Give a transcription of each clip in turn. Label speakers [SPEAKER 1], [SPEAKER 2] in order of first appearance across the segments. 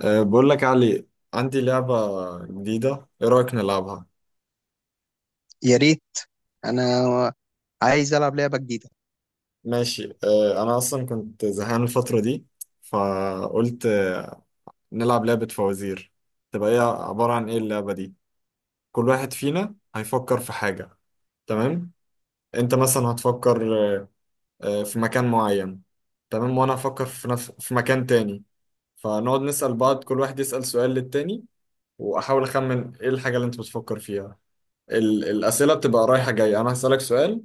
[SPEAKER 1] بقول لك يا علي، عندي لعبة جديدة. ايه رأيك نلعبها؟
[SPEAKER 2] يا ريت. انا عايز العب لعبه جديده.
[SPEAKER 1] ماشي، انا اصلا كنت زهقان الفترة دي، فقلت نلعب لعبة فوازير. تبقى هي عبارة عن ايه اللعبة دي؟ كل واحد فينا هيفكر في حاجة، تمام؟ انت مثلا هتفكر آه، في مكان معين، تمام، وانا هفكر في مكان تاني، فنقعد نسأل بعض، كل واحد يسأل سؤال للتاني، واحاول اخمن ايه الحاجة اللي انت بتفكر فيها. الأسئلة بتبقى رايحة جاية، أنا هسألك سؤال،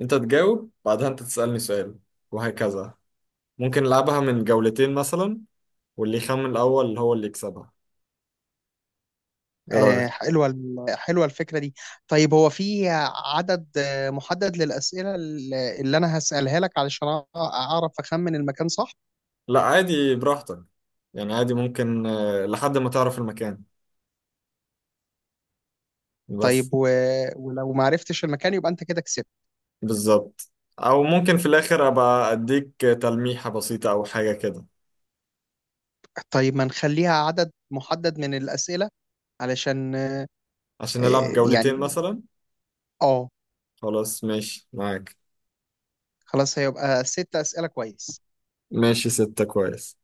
[SPEAKER 1] أنت تجاوب، بعدها أنت تسألني سؤال، وهكذا. ممكن نلعبها من جولتين مثلا، واللي يخمن الأول هو اللي يكسبها. إيه رأيك؟
[SPEAKER 2] حلوه حلوه الفكره دي. طيب هو في عدد محدد للاسئله اللي انا هسالها لك علشان اعرف اخمن المكان صح؟
[SPEAKER 1] لا عادي، براحتك. يعني عادي، ممكن لحد ما تعرف المكان بس.
[SPEAKER 2] طيب ولو ما عرفتش المكان يبقى انت كده كسبت.
[SPEAKER 1] بالظبط. أو ممكن في الآخر أبقى أديك تلميحة بسيطة أو حاجة كده.
[SPEAKER 2] طيب ما نخليها عدد محدد من الاسئله، علشان
[SPEAKER 1] عشان نلعب
[SPEAKER 2] آه،
[SPEAKER 1] جولتين
[SPEAKER 2] يعني
[SPEAKER 1] مثلا.
[SPEAKER 2] اه
[SPEAKER 1] خلاص ماشي معاك.
[SPEAKER 2] خلاص هيبقى 6 اسئله، كويس.
[SPEAKER 1] ماشي، ستة كويس.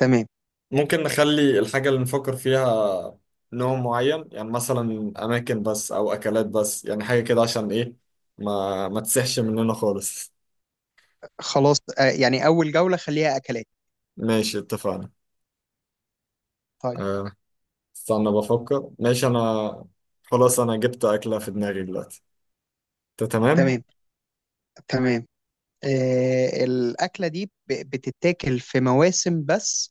[SPEAKER 2] تمام.
[SPEAKER 1] ممكن نخلي الحاجة اللي نفكر فيها نوع معين، يعني مثلا أماكن بس أو أكلات بس، يعني حاجة كده عشان إيه، ما تسحش مننا خالص.
[SPEAKER 2] خلاص، يعني اول جوله خليها اكلات.
[SPEAKER 1] ماشي اتفقنا.
[SPEAKER 2] طيب.
[SPEAKER 1] أه، استنى بفكر. ماشي أنا خلاص، أنا جبت أكلة في دماغي دلوقتي. أنت تمام؟
[SPEAKER 2] تمام. تمام، الأكلة دي بتتاكل في مواسم بس،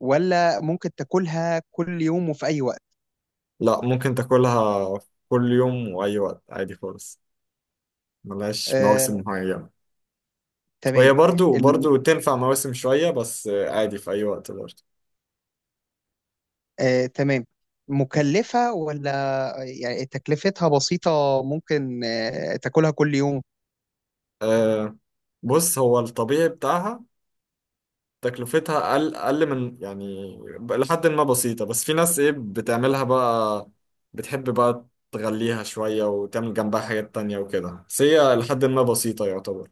[SPEAKER 2] ولا ممكن تاكلها كل يوم وفي أي وقت؟
[SPEAKER 1] لا، ممكن تاكلها كل يوم وأي وقت عادي خالص، ملهاش مواسم
[SPEAKER 2] آه،
[SPEAKER 1] معينة. وهي
[SPEAKER 2] تمام.
[SPEAKER 1] برضو
[SPEAKER 2] ال...
[SPEAKER 1] برضو تنفع مواسم شوية، بس عادي في أي وقت برضو.
[SPEAKER 2] آه، تمام. مكلفة ولا يعني تكلفتها بسيطة؟ ممكن تاكلها كل يوم؟
[SPEAKER 1] أه، بص، هو الطبيعي بتاعها تكلفتها أقل من يعني لحد ما بسيطة، بس في ناس إيه بتعملها بقى، بتحب بقى تغليها شوية وتعمل جنبها حاجات تانية وكده، بس هي لحد ما بسيطة يعتبر.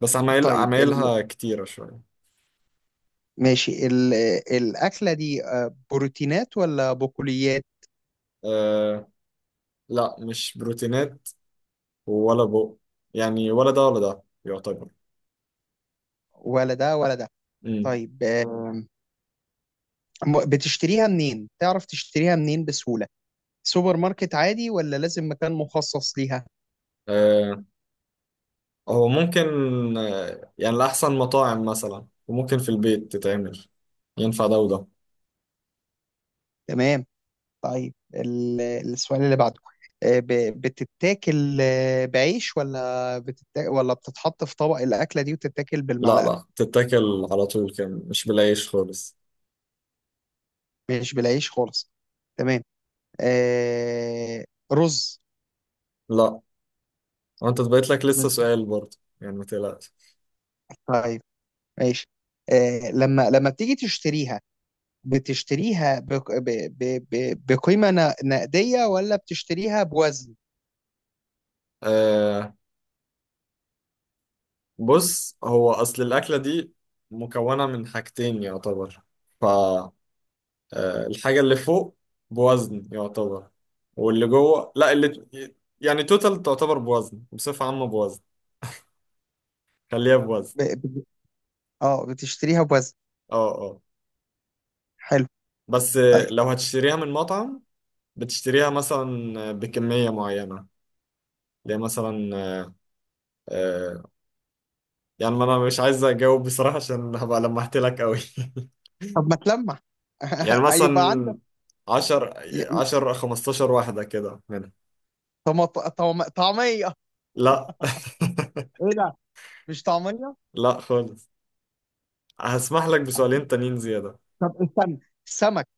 [SPEAKER 1] بس عمايل
[SPEAKER 2] طيب
[SPEAKER 1] عمايلها كتيرة شوية.
[SPEAKER 2] ماشي. ال... آه، الأكلة دي بروتينات ولا بقوليات؟
[SPEAKER 1] أه، لا، مش بروتينات ولا يعني، ولا ده ولا ده يعتبر.
[SPEAKER 2] ولا ده ولا ده؟
[SPEAKER 1] امم.
[SPEAKER 2] طيب، بتشتريها منين؟ تعرف تشتريها منين بسهولة؟ سوبر ماركت عادي ولا لازم مكان مخصص ليها؟
[SPEAKER 1] أه، هو ممكن يعني لأحسن مطاعم مثلا، وممكن في البيت تتعمل. ينفع ده وده.
[SPEAKER 2] تمام. طيب السؤال اللي بعده، بتتاكل بعيش، ولا بتتاكل، ولا بتتحط في طبق الأكلة دي وتتاكل
[SPEAKER 1] لا
[SPEAKER 2] بالمعلقة؟
[SPEAKER 1] لا، تتاكل على طول كان، مش بالعيش خالص.
[SPEAKER 2] مش بالعيش خالص. تمام. آه، رز؟
[SPEAKER 1] لا، وانت بقيت لك لسه
[SPEAKER 2] ماشي.
[SPEAKER 1] سؤال برضه، يعني ما تقلقش.
[SPEAKER 2] طيب. ماشي. لما بتيجي تشتريها، بتشتريها بق- ب- ب- ب- بقيمة نقدية ولا بتشتريها بوزن؟
[SPEAKER 1] آه، بص، هو اصل الاكله دي مكونه من حاجتين يعتبر، ف الحاجه اللي فوق بوزن يعتبر، واللي جوه لا، اللي يعني توتال تعتبر بوزن، بصفه عامه بوزن، خليها بوزن.
[SPEAKER 2] ب- ب- اه بتشتريها بوزن.
[SPEAKER 1] اه اه.
[SPEAKER 2] حلو.
[SPEAKER 1] بس
[SPEAKER 2] طيب.
[SPEAKER 1] لو هتشتريها من مطعم، بتشتريها مثلا بكميه معينه، اللي هي مثلا آه، يعني، ما انا مش عايز اجاوب بصراحة عشان هبقى لمحت لك قوي.
[SPEAKER 2] طب ما تلمح.
[SPEAKER 1] يعني
[SPEAKER 2] ايوه بقى عندك.
[SPEAKER 1] مثلا 10 10 15 واحدة كده منها.
[SPEAKER 2] طعميه؟
[SPEAKER 1] لا.
[SPEAKER 2] ايه ده، مش طعميه.
[SPEAKER 1] لا خالص، هسمح لك بسؤالين تانيين زيادة.
[SPEAKER 2] طب استنى، السمك.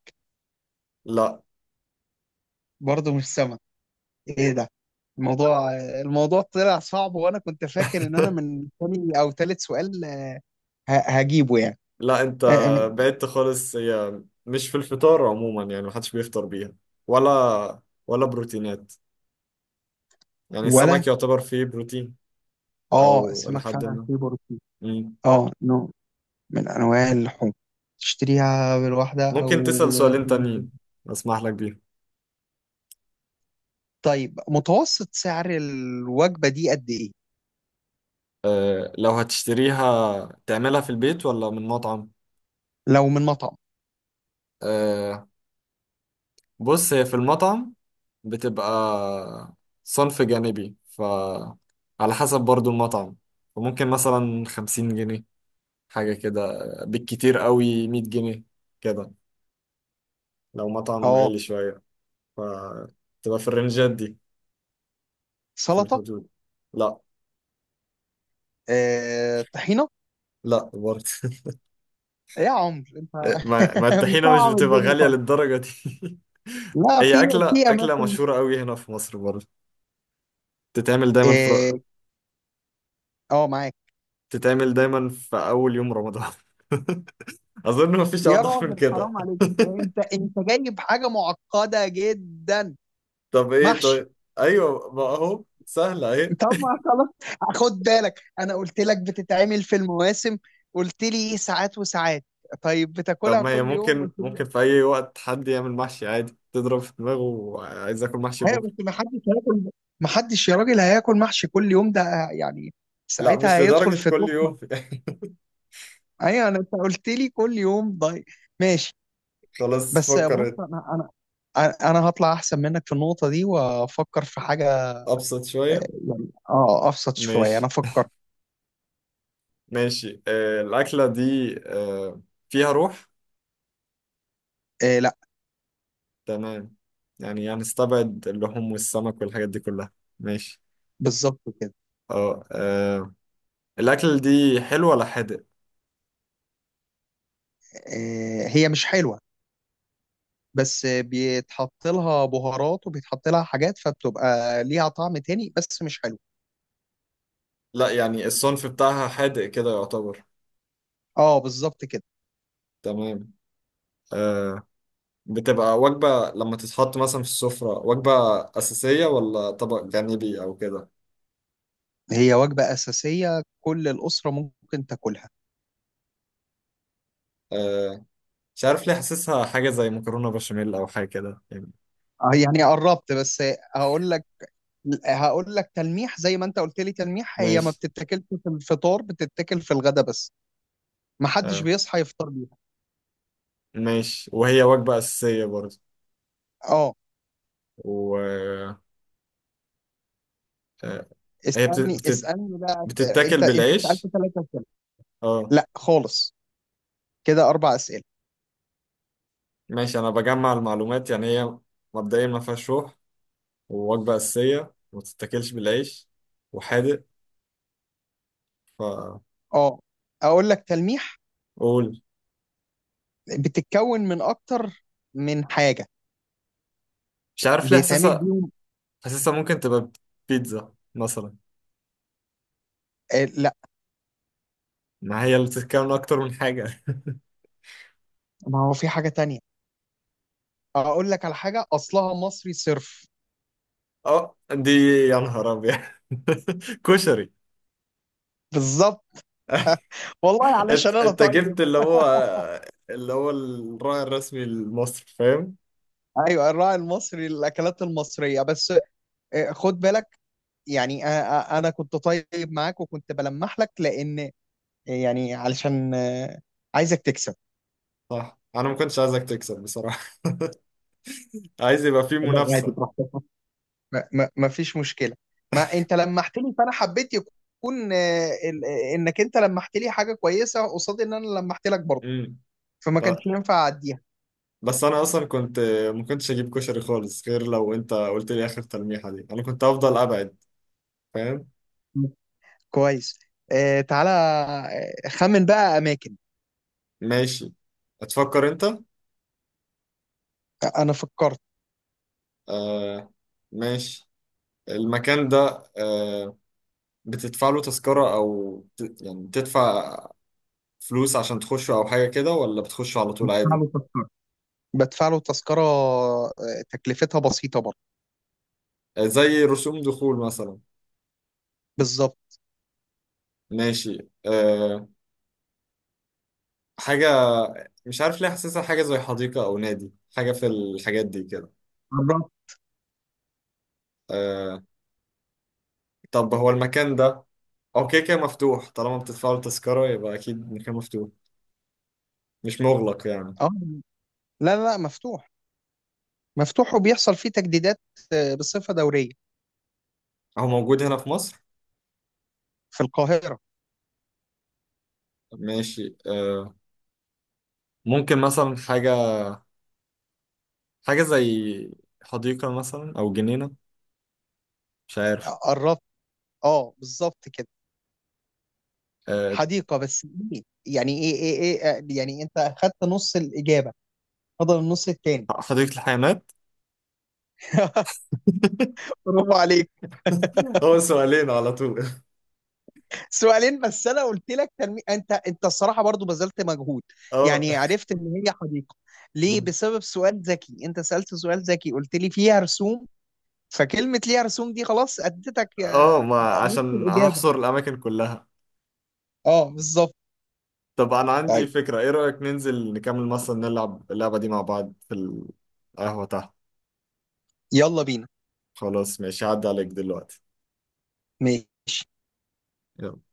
[SPEAKER 1] لا.
[SPEAKER 2] برضه مش سمك. ايه ده، الموضوع الموضوع طلع صعب، وانا كنت فاكر ان انا من تاني او تالت سؤال هجيبه يعني.
[SPEAKER 1] لا، انت
[SPEAKER 2] آه، م-
[SPEAKER 1] بعدت خالص، هي مش في الفطار عموما، يعني محدش بيفطر بيها، ولا بروتينات، يعني
[SPEAKER 2] ولا،
[SPEAKER 1] السمك يعتبر فيه بروتين،
[SPEAKER 2] اه
[SPEAKER 1] او
[SPEAKER 2] السمك
[SPEAKER 1] لحد
[SPEAKER 2] فعلا
[SPEAKER 1] ما.
[SPEAKER 2] فيه بروتين.
[SPEAKER 1] مم.
[SPEAKER 2] اه، نوع من انواع اللحوم. تشتريها بالواحده
[SPEAKER 1] ممكن
[SPEAKER 2] او
[SPEAKER 1] تسأل سؤالين
[SPEAKER 2] بالوجبه؟
[SPEAKER 1] تانيين، اسمح لك بيهم.
[SPEAKER 2] طيب متوسط سعر الوجبه دي قد ايه؟
[SPEAKER 1] آه، لو هتشتريها تعملها في البيت ولا من مطعم؟
[SPEAKER 2] لو من مطعم؟
[SPEAKER 1] آه، بص، هي في المطعم بتبقى صنف جانبي، فعلى حسب برضو المطعم، فممكن مثلا خمسين جنيه حاجة كده، بالكتير قوي مية جنيه كده، لو مطعم
[SPEAKER 2] اه.
[SPEAKER 1] غالي شوية، فتبقى في الرنجات دي، في
[SPEAKER 2] سلطه؟
[SPEAKER 1] الحدود. لا.
[SPEAKER 2] طحينه؟
[SPEAKER 1] لا برضه.
[SPEAKER 2] إيه يا عمر انت!
[SPEAKER 1] ما الطحينة مش
[SPEAKER 2] مصعب
[SPEAKER 1] بتبقى
[SPEAKER 2] الدنيا
[SPEAKER 1] غالية
[SPEAKER 2] خالص.
[SPEAKER 1] للدرجة دي.
[SPEAKER 2] لا، في
[SPEAKER 1] هي أكلة أكلة
[SPEAKER 2] اماكن.
[SPEAKER 1] مشهورة قوي هنا في مصر برضه، تتعمل دايما في
[SPEAKER 2] اه، معاك.
[SPEAKER 1] تتعمل دايما في أول يوم رمضان. أظن مفيش
[SPEAKER 2] يا
[SPEAKER 1] أوضح من
[SPEAKER 2] راجل
[SPEAKER 1] كده.
[SPEAKER 2] حرام عليك، انت جايب حاجه معقده جدا.
[SPEAKER 1] طب إيه
[SPEAKER 2] محشي.
[SPEAKER 1] طيب؟ أيوه، ما أهو سهلة أهي.
[SPEAKER 2] طب ما خلاص، خد بالك انا قلت لك بتتعمل في المواسم، قلت لي ساعات وساعات. طيب
[SPEAKER 1] طب
[SPEAKER 2] بتاكلها
[SPEAKER 1] ما هي
[SPEAKER 2] كل يوم؟
[SPEAKER 1] ممكن
[SPEAKER 2] قلت لي
[SPEAKER 1] ممكن
[SPEAKER 2] لا.
[SPEAKER 1] في أي وقت حد يعمل محشي عادي، تضرب في دماغه وعايز آكل محشي
[SPEAKER 2] ايوه،
[SPEAKER 1] بكرة.
[SPEAKER 2] بس ما حدش هياكل. ما حدش يا راجل هياكل محشي كل يوم ده، يعني
[SPEAKER 1] لا
[SPEAKER 2] ساعتها
[SPEAKER 1] مش
[SPEAKER 2] هيدخل
[SPEAKER 1] لدرجة
[SPEAKER 2] في
[SPEAKER 1] كل
[SPEAKER 2] تخمه.
[SPEAKER 1] يوم، يعني.
[SPEAKER 2] ايوه انا، انت قلت لي كل يوم، ضايق. ماشي.
[SPEAKER 1] خلاص
[SPEAKER 2] بس بص،
[SPEAKER 1] فكر.
[SPEAKER 2] انا هطلع احسن منك في النقطه دي، وافكر في حاجه.
[SPEAKER 1] أبسط شوية.
[SPEAKER 2] يعني اه، ابسط شويه
[SPEAKER 1] ماشي،
[SPEAKER 2] انا افكر.
[SPEAKER 1] ماشي، الأكلة دي فيها روح؟
[SPEAKER 2] آه لا.
[SPEAKER 1] تمام، يعني هنستبعد اللحوم والسمك والحاجات دي كلها. ماشي.
[SPEAKER 2] بالظبط كده.
[SPEAKER 1] اه آه، الاكل دي حلو ولا حادق؟
[SPEAKER 2] آه، هي مش حلوه، بس بيتحط لها بهارات وبيتحط لها حاجات، فبتبقى ليها طعم تاني، بس مش حلو.
[SPEAKER 1] لا يعني الصنف بتاعها حادق كده يعتبر.
[SPEAKER 2] اه بالظبط كده.
[SPEAKER 1] تمام. آه بتبقى وجبة لما تتحط مثلا في السفرة، وجبة أساسية ولا طبق جانبي أو كده؟
[SPEAKER 2] هي وجبه اساسيه، كل الاسره ممكن تاكلها.
[SPEAKER 1] آه مش عارف ليه حاسسها حاجة زي مكرونة بشاميل أو حاجة كده يعني.
[SPEAKER 2] يعني قربت بس. هقول لك هقول لك تلميح، زي ما انت قلت لي تلميح، هي ما
[SPEAKER 1] ماشي،
[SPEAKER 2] بتتاكلش في الفطار، بتتاكل في الغدا بس. ما حدش
[SPEAKER 1] آه
[SPEAKER 2] بيصحى يفطر بيها.
[SPEAKER 1] ماشي. وهي وجبة أساسية برضه؟
[SPEAKER 2] اه.
[SPEAKER 1] و آه هي
[SPEAKER 2] اسالني اسالني بقى. انت
[SPEAKER 1] بتتاكل
[SPEAKER 2] انت سالت
[SPEAKER 1] بالعيش؟
[SPEAKER 2] 3 اسئله.
[SPEAKER 1] اه.
[SPEAKER 2] لا خالص، كده 4 اسئله.
[SPEAKER 1] ماشي، أنا بجمع المعلومات، يعني هي مبدئيا ما فيهاش روح، ووجبة أساسية، وما تتاكلش بالعيش، وحادق.
[SPEAKER 2] اه، اقول لك تلميح.
[SPEAKER 1] فقول.
[SPEAKER 2] بتتكون من اكتر من حاجه
[SPEAKER 1] مش عارف ليه
[SPEAKER 2] بيتعمل
[SPEAKER 1] حاسسها
[SPEAKER 2] بيهم.
[SPEAKER 1] حاسسها ممكن تبقى بيتزا مثلا،
[SPEAKER 2] آه لا.
[SPEAKER 1] ما هي اللي بتتكون من أكتر من حاجة.
[SPEAKER 2] ما هو في حاجه تانية. اقول لك على حاجه اصلها مصري صرف.
[SPEAKER 1] اه دي، يا نهار أبيض. كشري.
[SPEAKER 2] بالظبط. والله
[SPEAKER 1] انت
[SPEAKER 2] علشان انا
[SPEAKER 1] انت
[SPEAKER 2] طيب.
[SPEAKER 1] جبت اللي هو الراعي الرسمي لمصر، فاهم.
[SPEAKER 2] ايوه، الراعي المصري، الاكلات المصريه بس. خد بالك، يعني انا كنت طيب معاك، وكنت بلمح لك، لان يعني علشان عايزك تكسب.
[SPEAKER 1] صح، انا ما كنتش عايزك تكسب بصراحة. عايز يبقى فيه
[SPEAKER 2] لا، عادي
[SPEAKER 1] منافسة.
[SPEAKER 2] براحتك. ما فيش مشكله. ما انت لمحت لي، فانا حبيت يكون انك انت لمحت لي حاجه كويسه قصاد ان انا لمحت لك برضه.
[SPEAKER 1] امم.
[SPEAKER 2] فما كانش ينفع اعديها.
[SPEAKER 1] بس انا اصلا ما كنتش اجيب كشري خالص، غير لو انت قلت لي اخر تلميحه دي، انا كنت افضل ابعد. فاهم.
[SPEAKER 2] مم. كويس. تعالى خمن بقى اماكن.
[SPEAKER 1] ماشي. هتفكر انت.
[SPEAKER 2] انا فكرت.
[SPEAKER 1] آه. ماشي. المكان ده، آه بتدفع له تذكره، او يعني تدفع فلوس عشان تخشه او حاجه كده، ولا بتخشه على طول
[SPEAKER 2] بدفع
[SPEAKER 1] عادي؟
[SPEAKER 2] له تذكرة بدفع له تذكرة، تكلفتها بسيطة برضه.
[SPEAKER 1] آه، زي رسوم دخول مثلا.
[SPEAKER 2] بالظبط.
[SPEAKER 1] ماشي. حاجه، مش عارف ليه حاسسها حاجه زي حديقه او نادي، حاجه في الحاجات دي كده.
[SPEAKER 2] بالظبط.
[SPEAKER 1] آه طب هو المكان ده، هو كده كده مفتوح، طالما بتدفعوا التذكرة يبقى أكيد مكان مفتوح، مش مغلق يعني.
[SPEAKER 2] اه، لا لا لا، مفتوح. مفتوح، وبيحصل فيه تجديدات بصفة دورية.
[SPEAKER 1] هو موجود هنا في مصر؟
[SPEAKER 2] في القاهرة.
[SPEAKER 1] ماشي. ممكن مثلا حاجة زي حديقة مثلا أو جنينة، مش عارف.
[SPEAKER 2] قربت. اه بالظبط كده.
[SPEAKER 1] آه
[SPEAKER 2] حديقة، بس إيه؟ يعني ايه، يعني انت اخدت نص الإجابة، فضل النص التاني.
[SPEAKER 1] حديقة الحيوانات.
[SPEAKER 2] برافو عليك.
[SPEAKER 1] هو سؤالين على طول؟
[SPEAKER 2] سؤالين بس، انا قلت لك انت الصراحه برضو بذلت مجهود.
[SPEAKER 1] اه
[SPEAKER 2] يعني عرفت ان هي حديقه ليه؟ بسبب سؤال ذكي، انت سالت سؤال ذكي قلت لي فيها رسوم. فكلمه ليها رسوم دي خلاص اديتك
[SPEAKER 1] اه، ما
[SPEAKER 2] نص
[SPEAKER 1] عشان
[SPEAKER 2] الاجابه.
[SPEAKER 1] هحصر الأماكن كلها.
[SPEAKER 2] اه بالظبط.
[SPEAKER 1] طب أنا عندي
[SPEAKER 2] طيب.
[SPEAKER 1] فكرة، إيه رأيك ننزل نكمل مثلا، نلعب اللعبة دي مع بعض في القهوة تحت.
[SPEAKER 2] يلا بينا.
[SPEAKER 1] خلاص ماشي، هعدي عليك دلوقتي.
[SPEAKER 2] ماشي
[SPEAKER 1] يلا.